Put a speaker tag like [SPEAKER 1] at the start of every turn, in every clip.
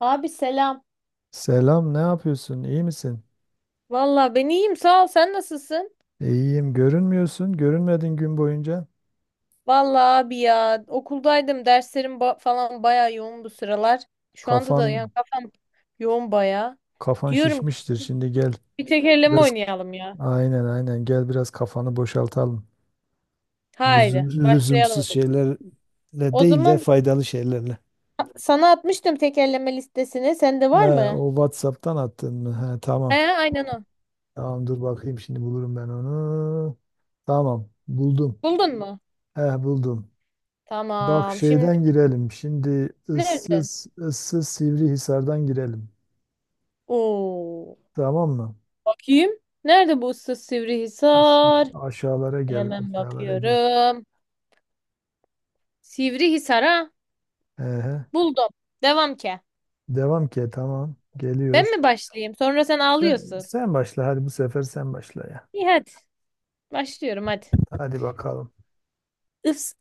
[SPEAKER 1] Abi selam.
[SPEAKER 2] Selam, ne yapıyorsun? İyi misin?
[SPEAKER 1] Valla ben iyiyim, sağ ol, sen nasılsın?
[SPEAKER 2] İyiyim. Görünmüyorsun. Görünmedin gün boyunca.
[SPEAKER 1] Valla abi ya, okuldaydım, derslerim falan baya yoğun bu sıralar. Şu anda
[SPEAKER 2] Kafan
[SPEAKER 1] da yani kafam yoğun baya.
[SPEAKER 2] kafan
[SPEAKER 1] Diyorum ki
[SPEAKER 2] şişmiştir. Şimdi gel
[SPEAKER 1] bir tekerleme
[SPEAKER 2] biraz
[SPEAKER 1] oynayalım ya.
[SPEAKER 2] aynen aynen gel biraz kafanı boşaltalım.
[SPEAKER 1] Haydi başlayalım,
[SPEAKER 2] Lüzumsuz
[SPEAKER 1] hadi.
[SPEAKER 2] şeylerle
[SPEAKER 1] O
[SPEAKER 2] değil de
[SPEAKER 1] zaman
[SPEAKER 2] faydalı şeylerle.
[SPEAKER 1] sana atmıştım tekerleme listesini. Sende
[SPEAKER 2] He,
[SPEAKER 1] var mı?
[SPEAKER 2] o WhatsApp'tan attın mı? He,
[SPEAKER 1] He,
[SPEAKER 2] tamam.
[SPEAKER 1] aynen o.
[SPEAKER 2] Tamam dur bakayım şimdi bulurum ben onu. Tamam buldum.
[SPEAKER 1] Buldun mu?
[SPEAKER 2] He, buldum. Bak
[SPEAKER 1] Tamam şimdi
[SPEAKER 2] şeyden girelim. Şimdi
[SPEAKER 1] nerede?
[SPEAKER 2] ıssız ıssız Sivrihisar'dan girelim.
[SPEAKER 1] Oo,
[SPEAKER 2] Tamam mı?
[SPEAKER 1] bakayım. Nerede bu ıssız
[SPEAKER 2] Siz
[SPEAKER 1] Sivrihisar?
[SPEAKER 2] aşağılara gel,
[SPEAKER 1] Hemen
[SPEAKER 2] aşağılara gel.
[SPEAKER 1] bakıyorum. Sivrihisar'a
[SPEAKER 2] Ehe.
[SPEAKER 1] buldum. Devam ke.
[SPEAKER 2] Devam ki tamam.
[SPEAKER 1] Ben
[SPEAKER 2] Geliyor.
[SPEAKER 1] mi başlayayım? Sonra sen
[SPEAKER 2] Sen,
[SPEAKER 1] ağlıyorsun.
[SPEAKER 2] sen başla hadi bu sefer sen başla ya.
[SPEAKER 1] İyi hadi. Başlıyorum hadi.
[SPEAKER 2] Hadi bakalım.
[SPEAKER 1] Is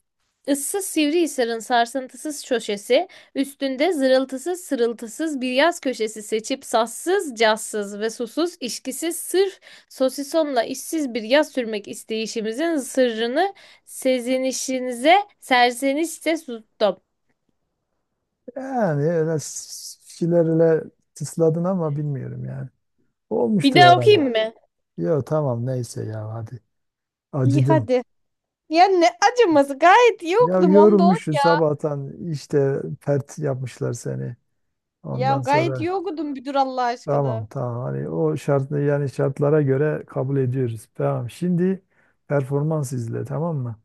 [SPEAKER 1] ıssız Sivrihisar'ın sarsıntısız köşesi, üstünde zırıltısız sırıltısız bir yaz köşesi seçip sassız, cazsız ve susuz, işkisiz, sırf sosisonla işsiz bir yaz sürmek isteyişimizin sırrını sezinişinize serzenişte sustum.
[SPEAKER 2] Yani öyle tısladın ama bilmiyorum yani.
[SPEAKER 1] Bir
[SPEAKER 2] Olmuştur
[SPEAKER 1] daha
[SPEAKER 2] herhalde.
[SPEAKER 1] okuyayım mı?
[SPEAKER 2] Yo tamam neyse ya hadi.
[SPEAKER 1] İyi
[SPEAKER 2] Acıdım.
[SPEAKER 1] hadi. Ya ne acıması, gayet iyi
[SPEAKER 2] Ya
[SPEAKER 1] okudum onda on.
[SPEAKER 2] yorulmuşsun sabahtan işte pert yapmışlar seni.
[SPEAKER 1] Ya
[SPEAKER 2] Ondan
[SPEAKER 1] gayet
[SPEAKER 2] sonra.
[SPEAKER 1] iyi okudun müdür Allah aşkına.
[SPEAKER 2] Tamam tamam, hani o şart yani şartlara göre kabul ediyoruz. Tamam şimdi performans izle tamam mı?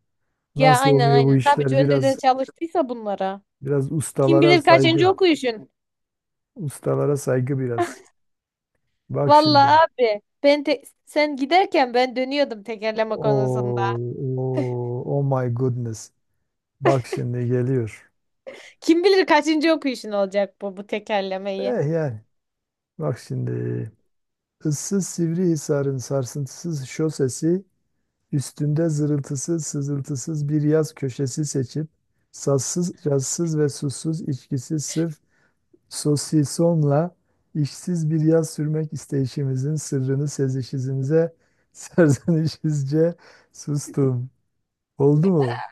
[SPEAKER 1] Ya
[SPEAKER 2] Nasıl
[SPEAKER 1] aynen
[SPEAKER 2] oluyor bu
[SPEAKER 1] aynen. Tabii ki
[SPEAKER 2] işler
[SPEAKER 1] önceden
[SPEAKER 2] biraz
[SPEAKER 1] çalıştıysa bunlara.
[SPEAKER 2] biraz
[SPEAKER 1] Kim
[SPEAKER 2] ustalara
[SPEAKER 1] bilir kaçıncı
[SPEAKER 2] saygı.
[SPEAKER 1] okuyuşun.
[SPEAKER 2] Ustalara saygı biraz. Bak
[SPEAKER 1] Vallahi
[SPEAKER 2] şimdi.
[SPEAKER 1] abi ben sen giderken ben dönüyordum tekerleme konusunda.
[SPEAKER 2] Oh, oh, oh my goodness. Bak şimdi geliyor.
[SPEAKER 1] Kim bilir kaçıncı okuyuşun olacak bu tekerlemeyi.
[SPEAKER 2] Yani bak şimdi. Issız Sivrihisar'ın sarsıntısız şosesi üstünde zırıltısız, sızıltısız bir yaz köşesi seçip, sassız, cazsız ve susuz içkisi sırf sosisonla işsiz bir yaz sürmek isteyişimizin sırrını sezişimize serzenişizce sustum. Oldu mu?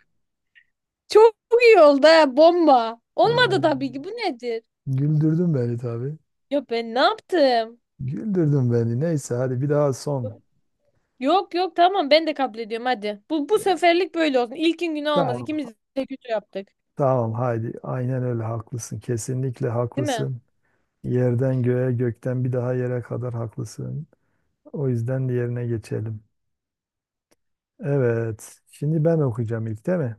[SPEAKER 1] Çok iyi oldu ha, bomba. Olmadı
[SPEAKER 2] Ee,
[SPEAKER 1] tabii ki, bu nedir?
[SPEAKER 2] güldürdün beni tabii.
[SPEAKER 1] Ya ben ne yaptım?
[SPEAKER 2] Güldürdün beni. Neyse hadi bir daha son.
[SPEAKER 1] Yok yok tamam, ben de kabul ediyorum hadi. Bu
[SPEAKER 2] Ee,
[SPEAKER 1] seferlik böyle olsun. İlkin günah olmaz.
[SPEAKER 2] Tamam,
[SPEAKER 1] İkimiz de kötü yaptık.
[SPEAKER 2] tamam haydi. Aynen öyle haklısın. Kesinlikle
[SPEAKER 1] Değil mi?
[SPEAKER 2] haklısın. Yerden göğe, gökten bir daha yere kadar haklısın. O yüzden diğerine geçelim. Evet. Şimdi ben okuyacağım ilk değil mi?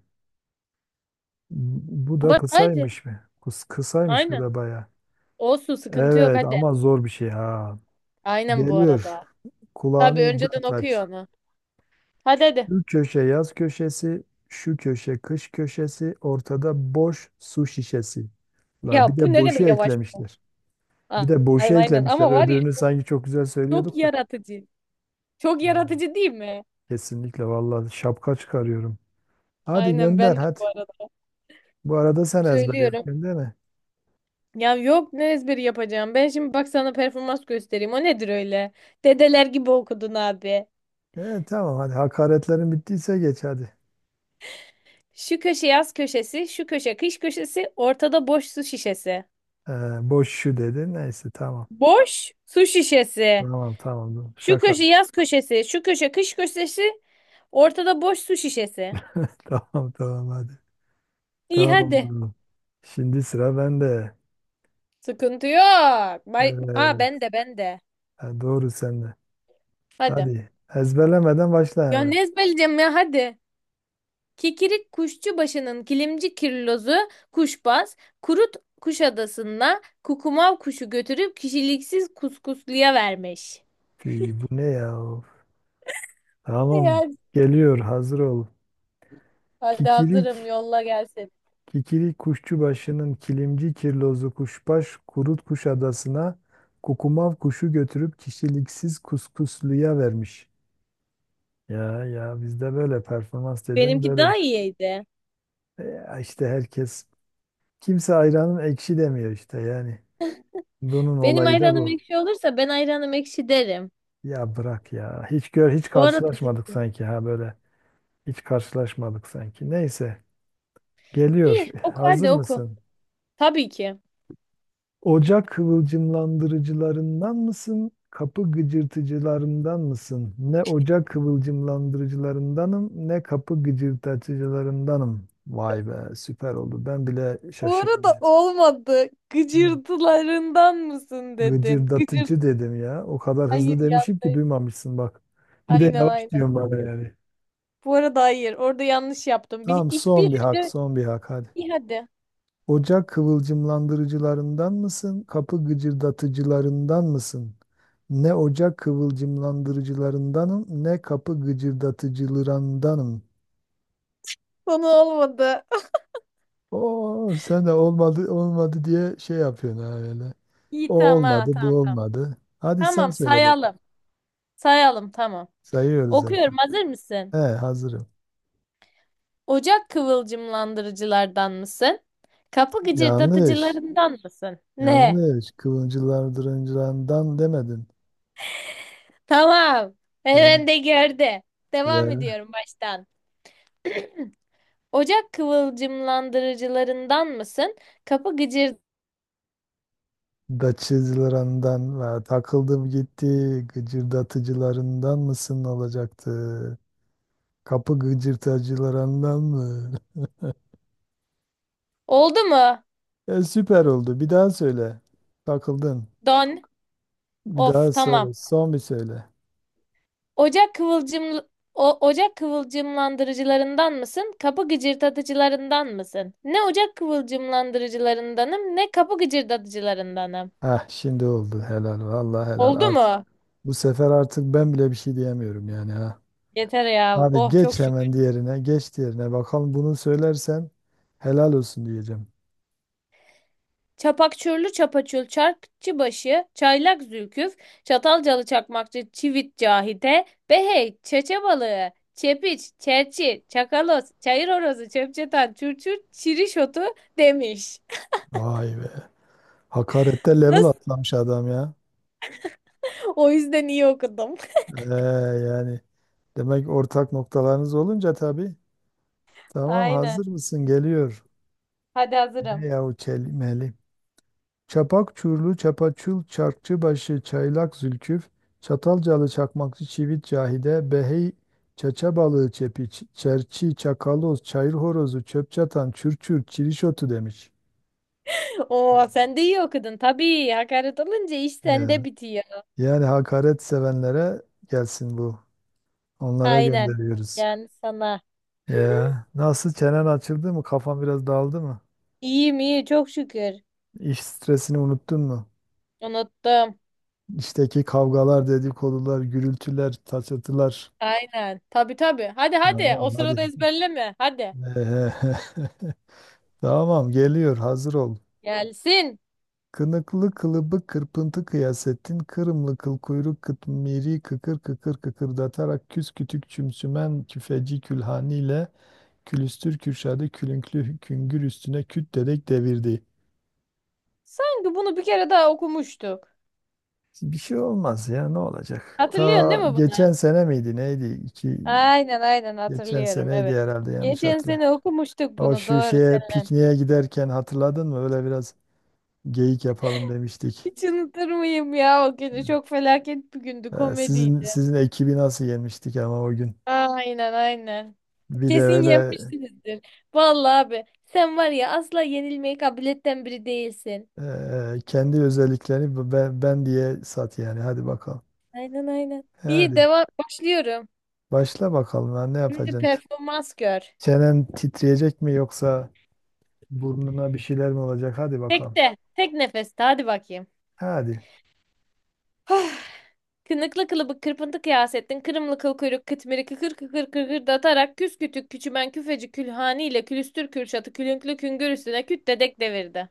[SPEAKER 2] Bu da
[SPEAKER 1] Bak hadi.
[SPEAKER 2] kısaymış mı? Kısaymış bu
[SPEAKER 1] Aynen.
[SPEAKER 2] da baya.
[SPEAKER 1] Olsun, sıkıntı yok
[SPEAKER 2] Evet
[SPEAKER 1] hadi.
[SPEAKER 2] ama zor bir şey ha.
[SPEAKER 1] Aynen bu
[SPEAKER 2] Geliyor.
[SPEAKER 1] arada. Tabii
[SPEAKER 2] Kulağını
[SPEAKER 1] önceden
[SPEAKER 2] dört aç.
[SPEAKER 1] okuyor onu. Hadi hadi.
[SPEAKER 2] Şu köşe yaz köşesi, şu köşe kış köşesi, ortada boş su şişesi. La
[SPEAKER 1] Ya
[SPEAKER 2] bir
[SPEAKER 1] bu
[SPEAKER 2] de
[SPEAKER 1] ne kadar
[SPEAKER 2] boşu
[SPEAKER 1] yavaş.
[SPEAKER 2] eklemişler.
[SPEAKER 1] A-
[SPEAKER 2] Bir de boşu
[SPEAKER 1] Aynen aynen,
[SPEAKER 2] eklemişler.
[SPEAKER 1] ama var ya
[SPEAKER 2] Öbürünü sanki çok güzel
[SPEAKER 1] çok
[SPEAKER 2] söylüyorduk da.
[SPEAKER 1] yaratıcı. Çok
[SPEAKER 2] Evet.
[SPEAKER 1] yaratıcı değil mi?
[SPEAKER 2] Kesinlikle vallahi şapka çıkarıyorum. Hadi
[SPEAKER 1] Aynen ben
[SPEAKER 2] gönder
[SPEAKER 1] de
[SPEAKER 2] hadi.
[SPEAKER 1] bu arada.
[SPEAKER 2] Bu arada sen ezber
[SPEAKER 1] Söylüyorum.
[SPEAKER 2] yapıyorsun değil mi?
[SPEAKER 1] Ya yok, ne ezberi yapacağım. Ben şimdi bak sana performans göstereyim. O nedir öyle? Dedeler gibi okudun abi.
[SPEAKER 2] Tamam hadi hakaretlerin bittiyse geç hadi.
[SPEAKER 1] Şu köşe yaz köşesi, şu köşe kış köşesi, ortada boş su şişesi.
[SPEAKER 2] E, boş şu dedi. Neyse tamam.
[SPEAKER 1] Boş su şişesi.
[SPEAKER 2] Tamam, tamam, tamam.
[SPEAKER 1] Şu
[SPEAKER 2] Şaka.
[SPEAKER 1] köşe yaz köşesi, şu köşe kış köşesi, ortada boş su şişesi.
[SPEAKER 2] Tamam tamam hadi.
[SPEAKER 1] İyi hadi.
[SPEAKER 2] Tamam. Şimdi sıra bende.
[SPEAKER 1] Sıkıntı yok. Bay Aa,
[SPEAKER 2] Evet.
[SPEAKER 1] ben de.
[SPEAKER 2] Ha, doğru sende.
[SPEAKER 1] Hadi.
[SPEAKER 2] Hadi. Ezberlemeden başla
[SPEAKER 1] Ya
[SPEAKER 2] hemen.
[SPEAKER 1] ne ezberleyeceğim ya, hadi. Kikirik Kuşçubaşı'nın kilimci kirlozu kuşbaz, kurut Kuşadası'na kukumav kuşu götürüp kişiliksiz kuskusluya vermiş.
[SPEAKER 2] Fi, bu ne ya? Of. Tamam.
[SPEAKER 1] Eğer
[SPEAKER 2] Geliyor. Hazır ol.
[SPEAKER 1] hadi
[SPEAKER 2] Kikirik.
[SPEAKER 1] hazırım, yolla gelsin.
[SPEAKER 2] Kikirik kuşçubaşının kilimci kirlozu kuşbaş kurut kuş adasına kukumav kuşu götürüp kişiliksiz kuskusluya vermiş. Ya ya bizde böyle performans dediğin
[SPEAKER 1] Benimki
[SPEAKER 2] böyle bir
[SPEAKER 1] daha
[SPEAKER 2] şey.
[SPEAKER 1] iyiydi.
[SPEAKER 2] Ya işte herkes kimse ayranın ekşi demiyor işte yani. Bunun
[SPEAKER 1] Benim
[SPEAKER 2] olayı da
[SPEAKER 1] ayranım
[SPEAKER 2] bu.
[SPEAKER 1] ekşi olursa ben ayranım ekşi derim.
[SPEAKER 2] Ya bırak ya. Hiç hiç
[SPEAKER 1] Bu arada
[SPEAKER 2] karşılaşmadık sanki ha böyle. Hiç karşılaşmadık sanki. Neyse
[SPEAKER 1] iyi
[SPEAKER 2] geliyor.
[SPEAKER 1] oku, hadi
[SPEAKER 2] Hazır
[SPEAKER 1] oku.
[SPEAKER 2] mısın?
[SPEAKER 1] Tabii ki.
[SPEAKER 2] Ocak kıvılcımlandırıcılarından mısın? Kapı gıcırtıcılarından mısın? Ne ocak kıvılcımlandırıcılarındanım, ne kapı gıcırtıcılarındanım. Vay be, süper oldu. Ben bile
[SPEAKER 1] Bu
[SPEAKER 2] şaşırdım.
[SPEAKER 1] arada olmadı.
[SPEAKER 2] Ne?
[SPEAKER 1] Gıcırtılarından mısın dedin. Gıcırt.
[SPEAKER 2] Gıcırdatıcı dedim ya. O kadar
[SPEAKER 1] Hayır
[SPEAKER 2] hızlı demişim ki
[SPEAKER 1] yanlış.
[SPEAKER 2] duymamışsın bak. Bir de
[SPEAKER 1] Aynen
[SPEAKER 2] yavaş
[SPEAKER 1] aynen.
[SPEAKER 2] diyorum bana yani.
[SPEAKER 1] Bu arada hayır. Orada yanlış yaptım. Bir,
[SPEAKER 2] Tamam
[SPEAKER 1] ilk bir
[SPEAKER 2] son bir hak,
[SPEAKER 1] hece.
[SPEAKER 2] son bir hak hadi.
[SPEAKER 1] İyi hadi.
[SPEAKER 2] Ocak kıvılcımlandırıcılarından mısın? Kapı gıcırdatıcılarından mısın? Ne ocak kıvılcımlandırıcılarındanım, ne kapı gıcırdatıcılarındanım.
[SPEAKER 1] Konu olmadı.
[SPEAKER 2] Oo, sen de olmadı olmadı diye şey yapıyorsun ha öyle. O
[SPEAKER 1] İyi tamam
[SPEAKER 2] olmadı, bu
[SPEAKER 1] tamam tamam.
[SPEAKER 2] olmadı. Hadi sen
[SPEAKER 1] Tamam
[SPEAKER 2] söyle bakalım.
[SPEAKER 1] sayalım. Sayalım tamam.
[SPEAKER 2] Sayıyoruz
[SPEAKER 1] Okuyorum,
[SPEAKER 2] zaten.
[SPEAKER 1] hazır mısın?
[SPEAKER 2] He, hazırım.
[SPEAKER 1] Ocak kıvılcımlandırıcılardan mısın? Kapı
[SPEAKER 2] Yanlış.
[SPEAKER 1] gıcırdatıcılarından mısın? Ne?
[SPEAKER 2] Yanlış. Kıvılcılar dırıncılarından demedin.
[SPEAKER 1] Tamam.
[SPEAKER 2] Yan
[SPEAKER 1] Hemen de gördü. Devam
[SPEAKER 2] ya
[SPEAKER 1] ediyorum baştan. Ocak kıvılcımlandırıcılarından mısın? Kapı gıcır...
[SPEAKER 2] da çizgilerandan ve takıldım gitti gıcırdatıcılarından mısın olacaktı. Kapı gıcırtacılarından mı?
[SPEAKER 1] Oldu mu?
[SPEAKER 2] Süper oldu. Bir daha söyle. Takıldın.
[SPEAKER 1] Don.
[SPEAKER 2] Bir
[SPEAKER 1] Of
[SPEAKER 2] daha
[SPEAKER 1] tamam.
[SPEAKER 2] söyle. Son bir söyle.
[SPEAKER 1] Ocak kıvılcım Ocak kıvılcımlandırıcılarından mısın? Kapı gıcırdatıcılarından mısın? Ne ocak kıvılcımlandırıcılarındanım, ne kapı gıcırdatıcılarındanım.
[SPEAKER 2] Heh şimdi oldu. Helal. Vallahi helal.
[SPEAKER 1] Oldu
[SPEAKER 2] Artık
[SPEAKER 1] mu?
[SPEAKER 2] bu sefer artık ben bile bir şey diyemiyorum yani ha.
[SPEAKER 1] Yeter ya.
[SPEAKER 2] Hadi
[SPEAKER 1] Oh çok
[SPEAKER 2] geç
[SPEAKER 1] şükür.
[SPEAKER 2] hemen diğerine. Geç diğerine. Bakalım bunu söylersen helal olsun diyeceğim.
[SPEAKER 1] Çapakçürlü çapaçul çarkçıbaşı, çaylak zülküf, çatalcalı çakmakçı çivit cahide, behey, çeçe balığı, çepiç, çerçi, çakalos, çayır horozu, çöpçetan, çurçur, çiriş otu demiş.
[SPEAKER 2] Vay be. Hakarette level
[SPEAKER 1] Nasıl?
[SPEAKER 2] atlamış adam ya.
[SPEAKER 1] O yüzden iyi okudum.
[SPEAKER 2] Ee, yani demek ortak noktalarınız olunca tabii. Tamam
[SPEAKER 1] Aynen.
[SPEAKER 2] hazır mısın? Geliyor.
[SPEAKER 1] Hadi
[SPEAKER 2] Ne
[SPEAKER 1] hazırım.
[SPEAKER 2] yahu kelimeli. Çapak çurlu, çapaçul, çarkçı başı, çaylak zülküf, çatalcalı, çakmakçı, çivit, cahide, behey, çaça balığı, çepi, çerçi, çakaloz, çayır horozu, çöp çatan, çürçür, çirişotu demiş.
[SPEAKER 1] Oo sen de iyi okudun. Tabii hakaret olunca iş sende
[SPEAKER 2] Yani,
[SPEAKER 1] bitiyor.
[SPEAKER 2] yani hakaret sevenlere gelsin bu. Onlara
[SPEAKER 1] Aynen.
[SPEAKER 2] gönderiyoruz.
[SPEAKER 1] Yani sana.
[SPEAKER 2] Ya nasıl çenen açıldı mı? Kafan biraz dağıldı mı?
[SPEAKER 1] İyiyim iyi, çok şükür.
[SPEAKER 2] İş stresini unuttun mu?
[SPEAKER 1] Unuttum.
[SPEAKER 2] İşteki kavgalar, dedikodular, gürültüler, taçatılar.
[SPEAKER 1] Aynen. Tabii tabii. Hadi hadi. O
[SPEAKER 2] Tamam hadi.
[SPEAKER 1] sırada ezberleme. Hadi.
[SPEAKER 2] Tamam geliyor hazır ol.
[SPEAKER 1] Gelsin.
[SPEAKER 2] Kınıklı kılıbık kırpıntı kıyasettin. Kırımlı kıl kuyruk kıtmiri kıkır kıkır kıkırdatarak küs kütük çümsümen küfeci külhaniyle külüstür kürşadı külünklü küngür üstüne küt dedek devirdi.
[SPEAKER 1] Sanki bunu bir kere daha okumuştuk.
[SPEAKER 2] Bir şey olmaz ya ne olacak?
[SPEAKER 1] Hatırlıyorsun değil
[SPEAKER 2] Ta
[SPEAKER 1] mi
[SPEAKER 2] geçen
[SPEAKER 1] bunu?
[SPEAKER 2] sene miydi neydi? İki,
[SPEAKER 1] Aynen aynen
[SPEAKER 2] geçen
[SPEAKER 1] hatırlıyorum,
[SPEAKER 2] seneydi
[SPEAKER 1] evet.
[SPEAKER 2] herhalde yanlış
[SPEAKER 1] Geçen
[SPEAKER 2] hatırla.
[SPEAKER 1] sene okumuştuk
[SPEAKER 2] O
[SPEAKER 1] bunu
[SPEAKER 2] şu
[SPEAKER 1] doğru
[SPEAKER 2] şeye
[SPEAKER 1] seninle.
[SPEAKER 2] pikniğe giderken hatırladın mı? Öyle biraz geyik yapalım demiştik.
[SPEAKER 1] Hiç unutur muyum ya o günü? Çok felaket bir gündü,
[SPEAKER 2] Sizin
[SPEAKER 1] komediydi.
[SPEAKER 2] sizin ekibi nasıl yenmiştik ama o gün.
[SPEAKER 1] Aynen aynen.
[SPEAKER 2] Bir de
[SPEAKER 1] Kesin
[SPEAKER 2] öyle
[SPEAKER 1] yenmişsinizdir. Vallahi abi sen var ya, asla yenilmeye kabiliyetten biri değilsin.
[SPEAKER 2] kendi özelliklerini ben diye sat yani. Hadi bakalım.
[SPEAKER 1] Aynen aynen. İyi
[SPEAKER 2] Hadi
[SPEAKER 1] devam, başlıyorum.
[SPEAKER 2] başla bakalım ha, ne
[SPEAKER 1] Şimdi
[SPEAKER 2] yapacaksın?
[SPEAKER 1] performans gör.
[SPEAKER 2] Çenen titreyecek mi yoksa burnuna bir şeyler mi olacak? Hadi bakalım.
[SPEAKER 1] Tek nefeste hadi bakayım.
[SPEAKER 2] Hadi.
[SPEAKER 1] Ah. Kınıklı kılıbık kırpıntı kıyasettin. Kırımlı kıl kuyruk kıtmiri kıkır kıkır kıkır datarak küs kütük küçümen küfeci külhani ile külüstür kürşatı külünklü küngür üstüne küt dedek devirdi.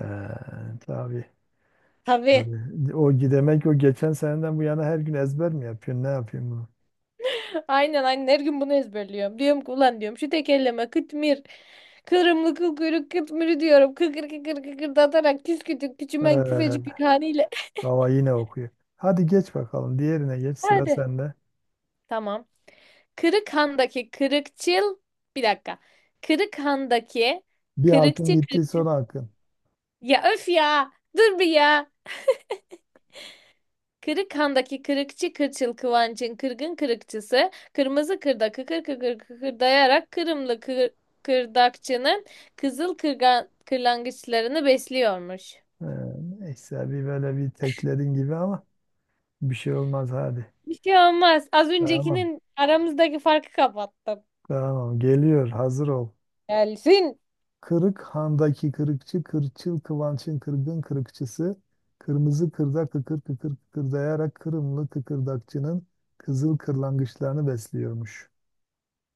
[SPEAKER 2] Tabii.
[SPEAKER 1] Tabii.
[SPEAKER 2] Tabii. O gidemek o geçen seneden bu yana her gün ezber mi yapıyorsun? Ne yapıyorsun bunu?
[SPEAKER 1] Aynen aynen her gün bunu ezberliyorum. Diyorum ki ulan, diyorum şu tekerleme kıtmir. Kırımlı kıl kuyruk kıtmiri diyorum. Kıkır kıkır kıkırdatarak küskütük
[SPEAKER 2] Ee,
[SPEAKER 1] küçümen küfecik bir haliyle.
[SPEAKER 2] baba yine okuyor. Hadi geç bakalım. Diğerine geç sıra
[SPEAKER 1] Hadi.
[SPEAKER 2] sende.
[SPEAKER 1] Tamam. Kırıkhan'daki kırıkçıl. Bir dakika. Kırıkhan'daki
[SPEAKER 2] Bir hakkın
[SPEAKER 1] kırıkçı
[SPEAKER 2] gitti son
[SPEAKER 1] kırıkçıl.
[SPEAKER 2] hakkın.
[SPEAKER 1] Ya öf ya. Dur bir ya. Kırıkhan'daki kırıkçı kırçıl Kıvanç'ın kırgın kırıkçısı, kırmızı kırda kıkır kıkır kıkırdayarak kırdakçının kızıl kırgan, kırlangıçlarını besliyormuş.
[SPEAKER 2] Ee, neyse bir böyle bir tekledin gibi ama bir şey olmaz hadi.
[SPEAKER 1] Bir şey olmaz. Az
[SPEAKER 2] Tamam.
[SPEAKER 1] öncekinin aramızdaki farkı kapattım.
[SPEAKER 2] Tamam. Geliyor. Hazır ol.
[SPEAKER 1] Gelsin.
[SPEAKER 2] Kırık handaki kırıkçı, kırçıl kıvançın kırgın kırıkçısı, kırmızı kırda kıkır kıkır kıkırdayarak Kırımlı kıkırdakçının kızıl kırlangıçlarını besliyormuş.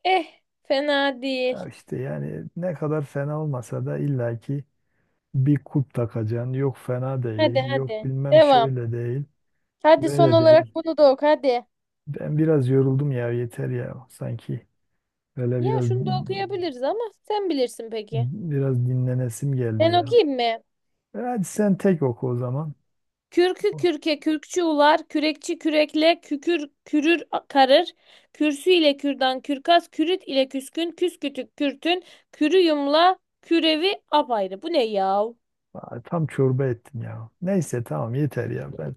[SPEAKER 1] Eh, fena değil.
[SPEAKER 2] Ha işte yani ne kadar fena olmasa da illaki bir kulp takacaksın. Yok fena
[SPEAKER 1] Hadi
[SPEAKER 2] değil, yok
[SPEAKER 1] hadi.
[SPEAKER 2] bilmem
[SPEAKER 1] Devam.
[SPEAKER 2] şöyle değil,
[SPEAKER 1] Hadi son
[SPEAKER 2] böyle
[SPEAKER 1] olarak
[SPEAKER 2] değil.
[SPEAKER 1] bunu da oku hadi.
[SPEAKER 2] Ben biraz yoruldum ya yeter ya sanki. Böyle
[SPEAKER 1] Ya
[SPEAKER 2] biraz
[SPEAKER 1] şunu da okuyabiliriz ama sen bilirsin, peki.
[SPEAKER 2] biraz dinlenesim geldi
[SPEAKER 1] Ben
[SPEAKER 2] ya.
[SPEAKER 1] okuyayım mı?
[SPEAKER 2] Hadi sen tek oku o zaman.
[SPEAKER 1] Kürkü kürke kürkçü ular, kürekçi kürekle kükür kürür karır. Kürsü ile kürdan kürkas, kürüt ile küskün, küskütük kürtün, kürü yumla, kürevi apayrı. Bu ne yav?
[SPEAKER 2] Aa, tam çorba ettin ya. Neyse tamam yeter ya. Ben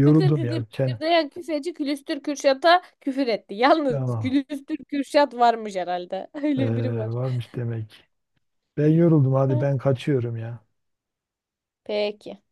[SPEAKER 1] Kıkır kıkır
[SPEAKER 2] ya. Çenem.
[SPEAKER 1] kıkırdayan küfeci külüstür kürşata küfür etti. Yalnız
[SPEAKER 2] Tamam.
[SPEAKER 1] külüstür kürşat varmış herhalde.
[SPEAKER 2] Ee,
[SPEAKER 1] Öyle biri var.
[SPEAKER 2] varmış demek. Ben yoruldum. Hadi ben kaçıyorum ya.
[SPEAKER 1] Peki.